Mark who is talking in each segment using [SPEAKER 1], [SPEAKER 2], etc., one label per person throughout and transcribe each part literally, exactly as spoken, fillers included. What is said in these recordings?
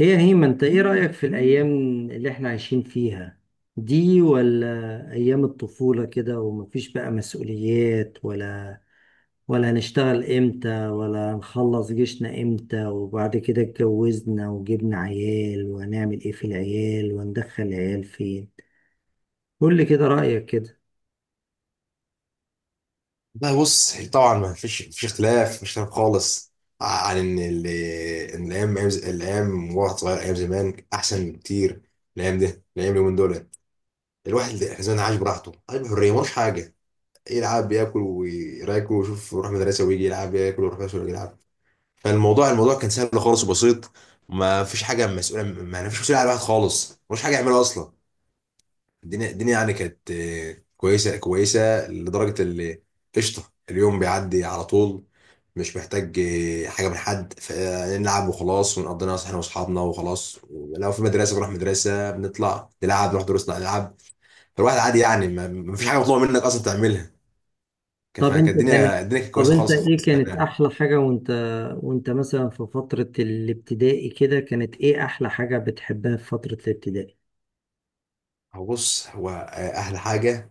[SPEAKER 1] هي هيما انت ايه رأيك في الأيام اللي احنا عايشين فيها دي ولا أيام الطفولة كده ومفيش بقى مسؤوليات ولا ولا هنشتغل امتى ولا هنخلص جيشنا امتى وبعد كده اتجوزنا وجبنا عيال وهنعمل ايه في العيال وندخل العيال فين؟ قول لي كده رأيك كده.
[SPEAKER 2] لا بص، هي طبعا ما فيش فيش اختلاف، مش اختلاف خالص عن ان ال- ان الايام، أيام ز- الايام وقت صغير، ايام زمان احسن بكتير. الايام ده الايام اليومين دول الواحد زمان عايش براحته، عايش بحريه، ملوش حاجه. يلعب ياكل ويراكل ويشوف، يروح مدرسه ويجي يلعب، ياكل ويروح مدرسه ويجي يلعب. فالموضوع الموضوع كان سهل خالص وبسيط. ما فيش حاجه مسؤوله، ما فيش مسؤوليه على الواحد خالص، ملوش حاجه يعملها اصلا. الدنيا الدنيا يعني كانت آه، كويسه، كويسه لدرجه اللي قشطه اليوم بيعدي على طول. مش محتاج آه، حاجه من حد ف- آه، نلعب وخلاص، ونقضي ناس احنا واصحابنا وخلاص. لو في مدرسه بنروح مدرسه، بنطلع نلعب، نروح دروسنا نلعب. فالواحد عادي يعني، ما ما فيش حاجه مطلوبه منك اصلا تعملها. كان-
[SPEAKER 1] طب
[SPEAKER 2] فكانت
[SPEAKER 1] انت كان
[SPEAKER 2] الدنيا الدنيا كانت
[SPEAKER 1] طب
[SPEAKER 2] كويسه
[SPEAKER 1] انت
[SPEAKER 2] خالص
[SPEAKER 1] ايه
[SPEAKER 2] خالص
[SPEAKER 1] كانت
[SPEAKER 2] كمان.
[SPEAKER 1] احلى حاجة وانت وانت مثلا في فترة الابتدائي كده كانت ايه احلى حاجة بتحبها في فترة الابتدائي؟
[SPEAKER 2] هو بص، هو آه، احلى حاجه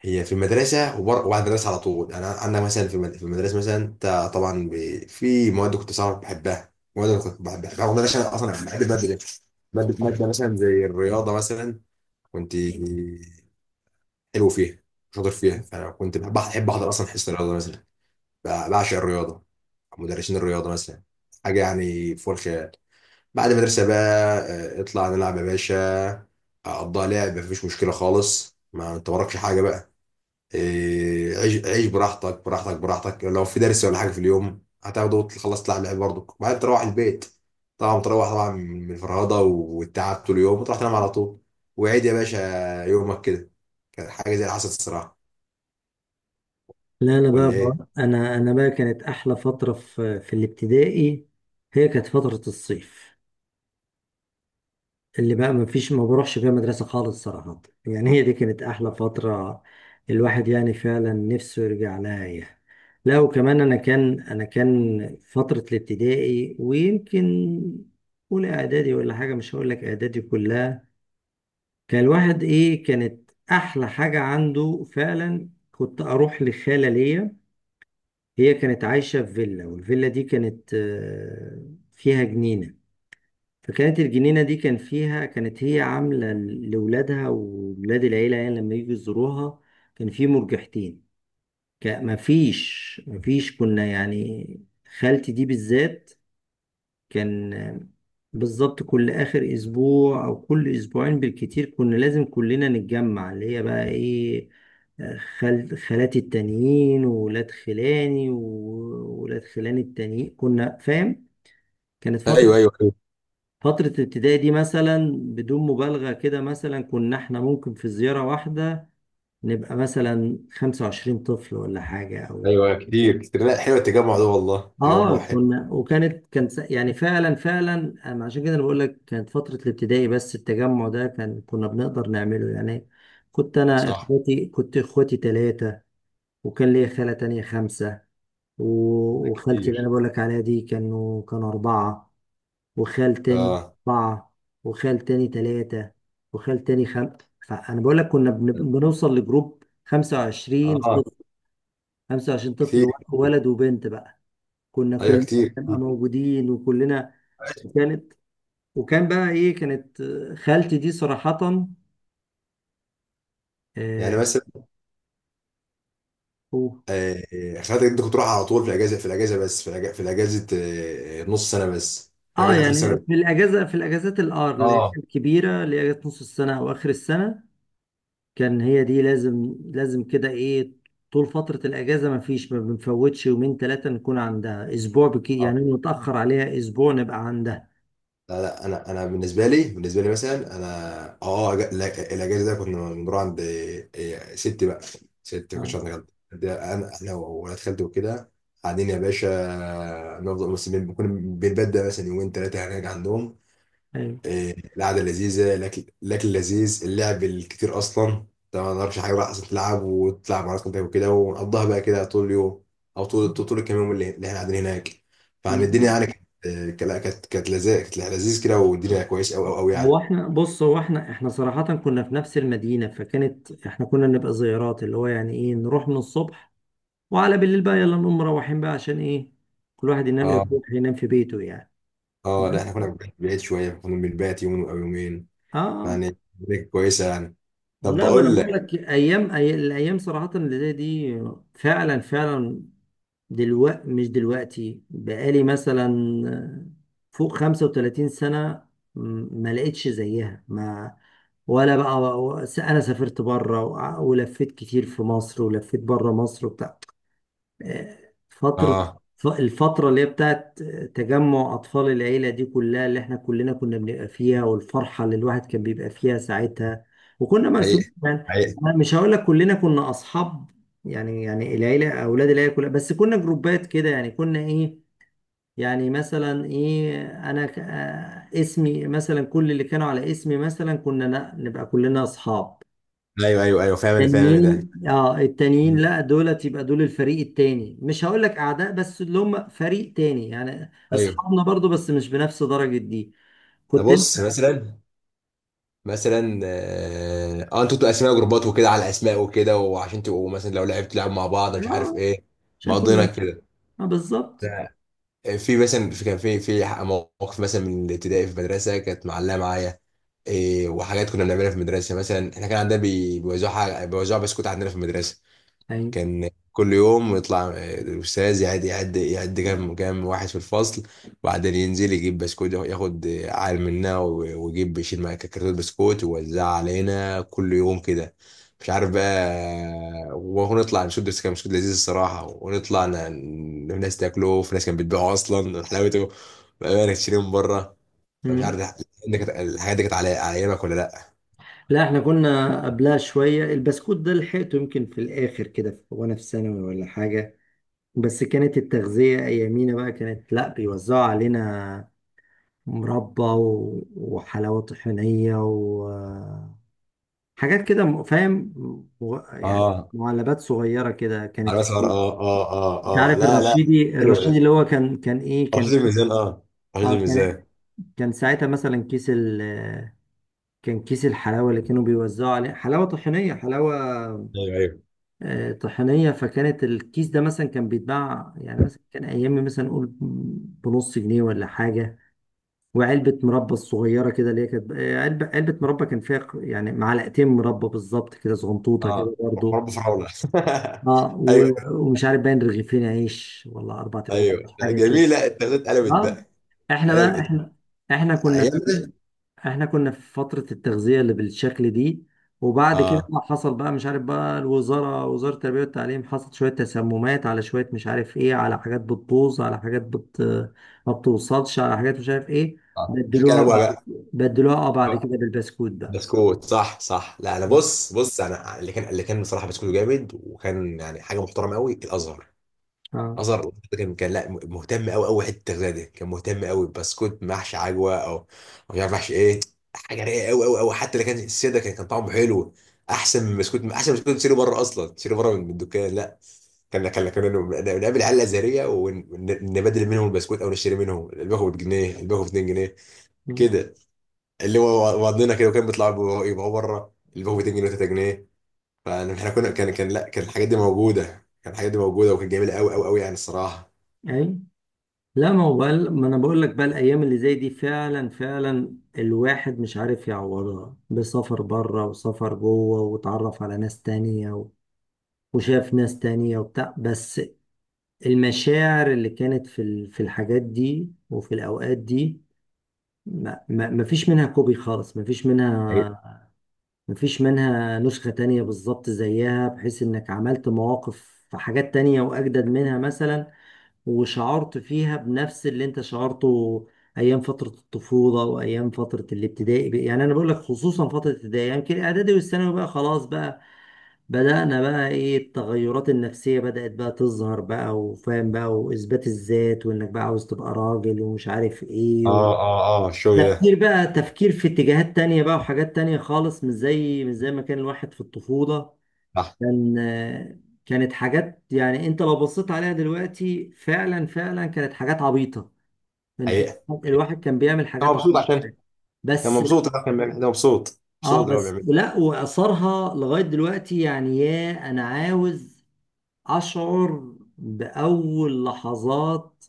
[SPEAKER 2] هي في المدرسة وبر... وبعد المدرسة على طول. يعني أنا أنا مثلا في المد- في المدرسة مثلا، أنت طبعا ب... في مواد كنت صعب بحبها، مواد أنا كنت بحبها رغم إن أنا عشان أصلا بحب المادة دي. مادة مادة مثلا زي الرياضة مثلا، كنت حلو فيها، شاطر فيها. فأنا كنت بحب بحب أحضر أصلا حصة الرياضة مثلا. ب- بعشق الرياضة. مدرسين الرياضة مثلا حاجة يعني فوق الخيال. بعد المدرسة بقى، آه، اطلع نلعب يا باشا. أقضيها لعب، مفيش مشكلة خالص، ما أنت وراكش حاجة بقى. إيه، عيش، عيش براحتك براحتك براحتك. لو في درس ولا حاجه في اليوم هتاخده وتخلص، تلعب لعب برضك بعدين تروح البيت. طبعا تروح، طبعا من الفرهده والتعب طول اليوم، وتروح تنام على طول. وعيد يا باشا، يومك كده. كانت حاجه زي اللي حصلت الصراحه.
[SPEAKER 1] لا انا بقى,
[SPEAKER 2] ولا ايه؟
[SPEAKER 1] بقى انا انا بقى كانت احلى فتره في في الابتدائي. هي كانت فتره الصيف اللي بقى ما فيش ما بروحش فيها مدرسه خالص صراحه، يعني هي دي كانت احلى فتره. الواحد يعني فعلا نفسه يرجع لها يعني. لا وكمان انا كان انا كان فتره الابتدائي، ويمكن اولى اعدادي ولا حاجه، مش هقول لك اعدادي كلها. كان الواحد ايه، كانت احلى حاجه عنده فعلا كنت اروح لخاله ليا. هي كانت عايشة في فيلا، والفيلا دي كانت آه، فيها جنينة. فكانت الجنينة دي كان فيها، كانت هي عاملة لولادها وولاد العيلة يعني لما يجوا يزوروها. كان في مرجحتين. ما فيش ما فيش كنا يعني، خالتي دي بالذات كان بالظبط كل آخر أسبوع أو كل أسبوعين بالكتير كنا لازم كلنا نتجمع، اللي هي بقى إيه، خال... خالاتي التانيين وولاد خلاني وولاد خلاني التانيين، كنا فاهم. كانت فترة،
[SPEAKER 2] ايوه، ايوه.
[SPEAKER 1] فترة الابتدائي دي مثلا بدون مبالغة كده مثلا كنا احنا ممكن في زيارة واحدة نبقى مثلا خمسة وعشرين طفل ولا حاجة أو
[SPEAKER 2] ايوه، ايوه، كتير كتير. لا، حلو التجمع ده والله،
[SPEAKER 1] اه،
[SPEAKER 2] تجمع حلو.
[SPEAKER 1] كنا وكانت كان س- يعني فعلا فعلا أنا عشان كده انا بقول لك كانت فتره الابتدائي، بس التجمع ده كان كنا بنقدر نعمله يعني. كنت انا
[SPEAKER 2] صح.
[SPEAKER 1] اخواتي كنت اخواتي ثلاثه، وكان ليا خاله تانية خمسه،
[SPEAKER 2] ده
[SPEAKER 1] و- وخالتي اللي انا
[SPEAKER 2] كتير.
[SPEAKER 1] بقول لك عليها دي كانوا كانوا اربعه، وخال تاني
[SPEAKER 2] اه.
[SPEAKER 1] اربعه، وخال تاني ثلاثه، وخال تاني خم، فانا بقول لك كنا بن- بنوصل لجروب خمسة وعشرين
[SPEAKER 2] اه،
[SPEAKER 1] طفل، خمسة وعشرين
[SPEAKER 2] كتير
[SPEAKER 1] طفل
[SPEAKER 2] كتير.
[SPEAKER 1] ولد وبنت بقى. كنا
[SPEAKER 2] ايوه،
[SPEAKER 1] كلنا
[SPEAKER 2] كتير
[SPEAKER 1] نبقى
[SPEAKER 2] كتير.
[SPEAKER 1] موجودين وكلنا. وكانت، وكان بقى ايه، كانت آه، خالتي دي صراحة
[SPEAKER 2] يعني
[SPEAKER 1] اه.
[SPEAKER 2] مثلا،
[SPEAKER 1] أوه.
[SPEAKER 2] آه، خدت انت كنت تروح على طول في الاجازه، في الاجازه بس في الاجازه في الاجازه، آه، نص سنه، بس في
[SPEAKER 1] آه،
[SPEAKER 2] اجازه اخر
[SPEAKER 1] يعني
[SPEAKER 2] السنه.
[SPEAKER 1] في الاجازة، في الاجازات الار اللي هي
[SPEAKER 2] اه.
[SPEAKER 1] الكبيرة، اللي هي اجازة نص السنة او اخر السنة، كان هي دي لازم لازم كده ايه، طول فترة الاجازة ما فيش ما بنفوتش يومين ثلاثة نكون عندها، اسبوع بكي
[SPEAKER 2] اه،
[SPEAKER 1] يعني نتأخر عليها اسبوع نبقى عندها.
[SPEAKER 2] لا لا. انا انا بالنسبه لي، بالنسبه لي مثلا، انا اه أج- لا، الاجازه ده كنا بنروح عند إيه، ستي بقى. ستي، ما كنتش
[SPEAKER 1] اه.
[SPEAKER 2] عند جد. ده انا انا وولاد خالتي وكده، قاعدين يا باشا. نفضل بس بن- بنكون بنبدأ مثلا يومين ثلاثه هناك عندهم.
[SPEAKER 1] ايوه
[SPEAKER 2] إيه، القعده لذيذه، الاكل الاكل لذيذ، اللعب الكتير. اصلا طبعا ما نعرفش حاجه بقى اصلا، تلعب وتلعب مع ناس وكده، ونقضيها بقى كده طول اليوم، او طول طول طول الكام يوم اللي اللي احنا قاعدين هناك. فعن الدنيا
[SPEAKER 1] بالظبط.
[SPEAKER 2] يعني كانت آه، كانت كانت لذيذ، كانت لذيذ كده، والدنيا كويس قوي قوي قوي
[SPEAKER 1] هو
[SPEAKER 2] يعني.
[SPEAKER 1] احنا بص هو احنا احنا صراحة كنا في نفس المدينة، فكانت احنا كنا نبقى زيارات اللي هو يعني ايه، نروح من الصبح وعلى بالليل بقى يلا نقوم مروحين بقى، عشان ايه، كل واحد ينام،
[SPEAKER 2] اه.
[SPEAKER 1] يروح ينام في بيته يعني.
[SPEAKER 2] اه، لا احنا
[SPEAKER 1] بس
[SPEAKER 2] كنا بعيد شويه، كنا بنبات يوم او يومين.
[SPEAKER 1] اه آه.
[SPEAKER 2] يعني الدنيا كانت كويسه يعني. طب
[SPEAKER 1] لا ما انا
[SPEAKER 2] بقول
[SPEAKER 1] بقول
[SPEAKER 2] لك.
[SPEAKER 1] لك ايام أي... الايام صراحة اللي زي دي فعلا فعلا. دلوقتي مش دلوقتي بقالي مثلا فوق خمسة وثلاثين سنة م- ما لقيتش زيها ما ولا بقى. انا سافرت بره، ولفيت كتير في مصر ولفيت بره مصر وبتاع، فترة،
[SPEAKER 2] اه.
[SPEAKER 1] الفترة اللي هي بتاعت تجمع أطفال العيلة دي كلها اللي احنا كلنا كنا بنبقى فيها، والفرحة اللي الواحد كان بيبقى فيها ساعتها. وكنا
[SPEAKER 2] حقيقي،
[SPEAKER 1] مقسومين يعني،
[SPEAKER 2] حقيقي.
[SPEAKER 1] أنا مش هقول لك كلنا كنا أصحاب، يعني يعني العيلة أولاد العيلة كلها، بس كنا جروبات كده يعني كنا إيه، يعني مثلا إيه، أنا ك- آه، اسمي مثلا، كل اللي كانوا على اسمي مثلا كنا ن- نبقى كلنا أصحاب.
[SPEAKER 2] ايوه، ايوه، ايوه، فاهم انا، فاهم انا ده.
[SPEAKER 1] التانيين اه التانيين
[SPEAKER 2] مم.
[SPEAKER 1] لا دولت يبقى دول الفريق التاني، مش هقول لك اعداء بس اللي هم فريق تاني، يعني
[SPEAKER 2] ايوه.
[SPEAKER 1] اصحابنا برضو بس مش بنفس درجة دي.
[SPEAKER 2] انا
[SPEAKER 1] كنت انت
[SPEAKER 2] بص مثلا، مثلا اه، آه، انتوا بتبقوا اسماء جروبات وكده، على الاسماء وكده، وعشان تبقوا مثلا لو لعبت لعب مع بعض، مش عارف
[SPEAKER 1] اه
[SPEAKER 2] ايه.
[SPEAKER 1] عشان
[SPEAKER 2] مقضينا
[SPEAKER 1] كنا
[SPEAKER 2] كده.
[SPEAKER 1] اه بالظبط
[SPEAKER 2] ده- في مثلا، في كان في في مواقف مثلا من الابتدائي في المدرسه كانت معلقه معايا. إيه وحاجات كنا بنعملها في المدرسه مثلا. احنا كان عندنا بي- بيوزعوا حاجه، بيوزعوا بسكوت عندنا في المدرسه.
[SPEAKER 1] ايوه.
[SPEAKER 2] كان كل يوم يطلع آه، الأستاذ يعد يعد يعد كام كام واحد في الفصل، وبعدين ينزل يجيب بسكوت، ياخد عال منا و- ويجيب يشيل معاه كرتون بسكوت ويوزعها علينا كل يوم كده. مش عارف بقى، ونطلع نشد، بس كان بسكوت لذيذ الصراحة. ونطلع ن- ناس تاكله، وفي ناس كانت بتبيعه أصلا حلاوته بقى، تشتريه من بره. فمش عارف
[SPEAKER 1] مم.
[SPEAKER 2] ده- ده كانت- الحاجات دي كانت على على أيامك ولا لأ؟
[SPEAKER 1] لا احنا كنا قبلها شوية، البسكوت ده لحقته يمكن في الاخر كده في- وانا في ثانوي ولا حاجة، بس كانت التغذية ايامينا بقى كانت لا بيوزعوا علينا مربى و- وحلاوة طحينية و... آه، حاجات كده م- فاهم، مغ- يعني
[SPEAKER 2] اه،
[SPEAKER 1] معلبات صغيرة كده كانت
[SPEAKER 2] على
[SPEAKER 1] في
[SPEAKER 2] مثلا.
[SPEAKER 1] الكيس.
[SPEAKER 2] اه، اه.
[SPEAKER 1] انت
[SPEAKER 2] اه، اه،
[SPEAKER 1] عارف
[SPEAKER 2] لا لا.
[SPEAKER 1] الرشيدي،
[SPEAKER 2] حلو.
[SPEAKER 1] الرشيدي اللي هو كان كان ايه كان
[SPEAKER 2] رشيد الميزان، اه. رشيد
[SPEAKER 1] اه، كان
[SPEAKER 2] الميزان.
[SPEAKER 1] كان ساعتها مثلا كيس ال كان كيس الحلاوة اللي كانوا بيوزعوا عليه حلاوة طحينية، حلاوة
[SPEAKER 2] ايوه، ايوه.
[SPEAKER 1] آه، طحينية، فكانت الكيس ده مثلا كان بيتباع يعني مثلا كان أيام مثلا نقول بنص جنيه ولا حاجة. وعلبة مربى الصغيرة كده اللي هي كانت آه، علبة، علبة مربى كان فيها ق- يعني معلقتين مربى بالظبط كده صغنطوطة
[SPEAKER 2] اه.
[SPEAKER 1] كده برضه.
[SPEAKER 2] رب فرعون.
[SPEAKER 1] اه.
[SPEAKER 2] ايوه.
[SPEAKER 1] و- ومش عارف باين رغيفين عيش ولا اربعة رغيفين
[SPEAKER 2] ايوه،
[SPEAKER 1] عيش،
[SPEAKER 2] لا
[SPEAKER 1] حاجه كده.
[SPEAKER 2] جميله، التغذيه اتقلبت
[SPEAKER 1] اه.
[SPEAKER 2] بقى.
[SPEAKER 1] احنا بقى
[SPEAKER 2] اتقلبت
[SPEAKER 1] احنا احنا
[SPEAKER 2] على
[SPEAKER 1] كنا في
[SPEAKER 2] ايامنا.
[SPEAKER 1] احنا كنا في فتره التغذيه اللي بالشكل دي، وبعد كده
[SPEAKER 2] اه.
[SPEAKER 1] بقى حصل بقى مش عارف بقى الوزاره، وزاره التربيه والتعليم، حصلت شويه تسممات على شويه مش عارف ايه، على حاجات بتبوظ، على حاجات بت ما بتوصلش، على حاجات مش عارف ايه،
[SPEAKER 2] اه، عشان كان
[SPEAKER 1] بدلوها
[SPEAKER 2] ابوها
[SPEAKER 1] بعد
[SPEAKER 2] بقى.
[SPEAKER 1] بدلوها اه بعد
[SPEAKER 2] آه،
[SPEAKER 1] كده بالبسكوت بقى.
[SPEAKER 2] بسكوت، صح صح. لا انا بص، بص انا اللي كان، اللي كان بصراحه بسكوت جامد، وكان يعني حاجه محترمه قوي، الازهر
[SPEAKER 1] اه
[SPEAKER 2] نظر. ده كان كان، لا مهتم قوي قوي حته التغذيه دي، كان مهتم قوي. بسكوت محشي عجوه او مش عارف محشي ايه، حاجه رايقه قوي قوي قوي. حتى اللي كان السيده كان كان طعمه حلو، احسن من بسكوت، احسن من بسكوت تشتري بره، اصلا تشتري بره من من الدكان. لا، كان كان كنا نقابل العيال الازهريه ونبدل منهم البسكوت، او نشتري منهم الباكو بجنيه، الباكو ب اتنين جنيه كده. اللي هو وضنا كده، وكان بيطلع يبقى بره الباكو ب اتنين جنيه و3 جنيه. فاحنا كنا كان كان لا، كان الحاجات دي موجوده، كان الحاجات دي موجوده وكانت جميله قوي قوي قوي يعني الصراحه.
[SPEAKER 1] اي. لا ما هو بقى- ما انا بقول لك بقى الايام اللي زي دي فعلا فعلا الواحد مش عارف يعوضها بسفر بره وسفر جوه وتعرف على ناس تانية و- وشاف ناس تانية وبتاع. بس المشاعر اللي كانت في ال- في الحاجات دي وفي الاوقات دي ما, ما, ما فيش منها كوبي خالص، ما فيش منها، ما فيش منها نسخة تانية بالظبط زيها، بحيث انك عملت مواقف في حاجات تانية واجدد منها مثلا وشعرت فيها بنفس اللي انت شعرته ايام فتره الطفوله وايام فتره الابتدائي بقى. يعني انا بقول لك خصوصا فتره الابتدائي، يعني يمكن الاعدادي والثانوي بقى خلاص بقى بدانا بقى ايه التغيرات النفسيه، بدات بقى تظهر بقى، وفاهم بقى واثبات الذات، وانك بقى عاوز تبقى راجل ومش عارف ايه و...
[SPEAKER 2] اه، اه، اه، الشغل ده.
[SPEAKER 1] تفكير بقى، تفكير في اتجاهات تانية بقى وحاجات تانية خالص، مش زي مش زي ما كان الواحد في الطفولة.
[SPEAKER 2] صح.
[SPEAKER 1] كان آه، كانت حاجات، يعني انت لو بصيت عليها دلوقتي فعلا فعلا كانت حاجات عبيطة، كان-
[SPEAKER 2] حقيقة، حقيقة.
[SPEAKER 1] الواحد كان بيعمل
[SPEAKER 2] انا
[SPEAKER 1] حاجات
[SPEAKER 2] مبسوط
[SPEAKER 1] عبيطة
[SPEAKER 2] عشان، انا
[SPEAKER 1] بس
[SPEAKER 2] مبسوط عشان بيعمل- انا مبسوط مبسوط
[SPEAKER 1] اه.
[SPEAKER 2] اللي هو
[SPEAKER 1] بس
[SPEAKER 2] بيعمله.
[SPEAKER 1] لا واثرها لغاية دلوقتي يعني، يا انا عاوز أشعر بأول لحظات،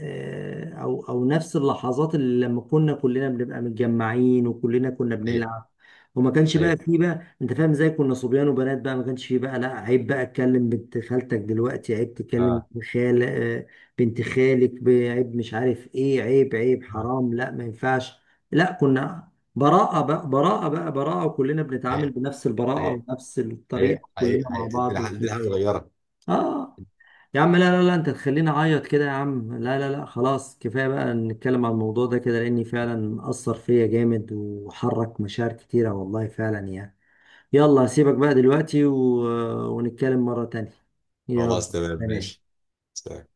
[SPEAKER 1] آه، أو أو نفس اللحظات اللي لما كنا كلنا بنبقى متجمعين وكلنا كنا
[SPEAKER 2] حقيقة،
[SPEAKER 1] بنلعب، وما كانش بقى
[SPEAKER 2] حقيقة.
[SPEAKER 1] فيه بقى أنت فاهم إزاي، كنا صبيان وبنات بقى، ما كانش فيه بقى لا عيب بقى أتكلم بنت خالتك دلوقتي، عيب تكلم
[SPEAKER 2] اه،
[SPEAKER 1] بنت خال آه، بنت خالك ب- عيب مش عارف إيه، عيب، عيب،
[SPEAKER 2] اه.
[SPEAKER 1] حرام، لا ما ينفعش. لا كنا براءة بقى، براءة بقى براءة، وكلنا بنتعامل
[SPEAKER 2] حقيقة،
[SPEAKER 1] بنفس البراءة
[SPEAKER 2] حقيقة،
[SPEAKER 1] ونفس
[SPEAKER 2] حقيقة.
[SPEAKER 1] الطريقة
[SPEAKER 2] حقيقة
[SPEAKER 1] كلنا مع
[SPEAKER 2] حقيقة.
[SPEAKER 1] بعض
[SPEAKER 2] الدنيا، الدنيا حاجة
[SPEAKER 1] وكده.
[SPEAKER 2] صغيرة.
[SPEAKER 1] اه. يا عم لا لا لا انت تخليني اعيط كده، يا عم لا لا لا خلاص كفايه بقى نتكلم عن الموضوع ده كده، لاني فعلا اثر فيا جامد وحرك مشاعر كتيره والله فعلا يعني. يلا هسيبك بقى دلوقتي و... ونتكلم مره تانية. يلا.
[SPEAKER 2] خلاص، تمام ماشي.
[SPEAKER 1] سلام.
[SPEAKER 2] سلام.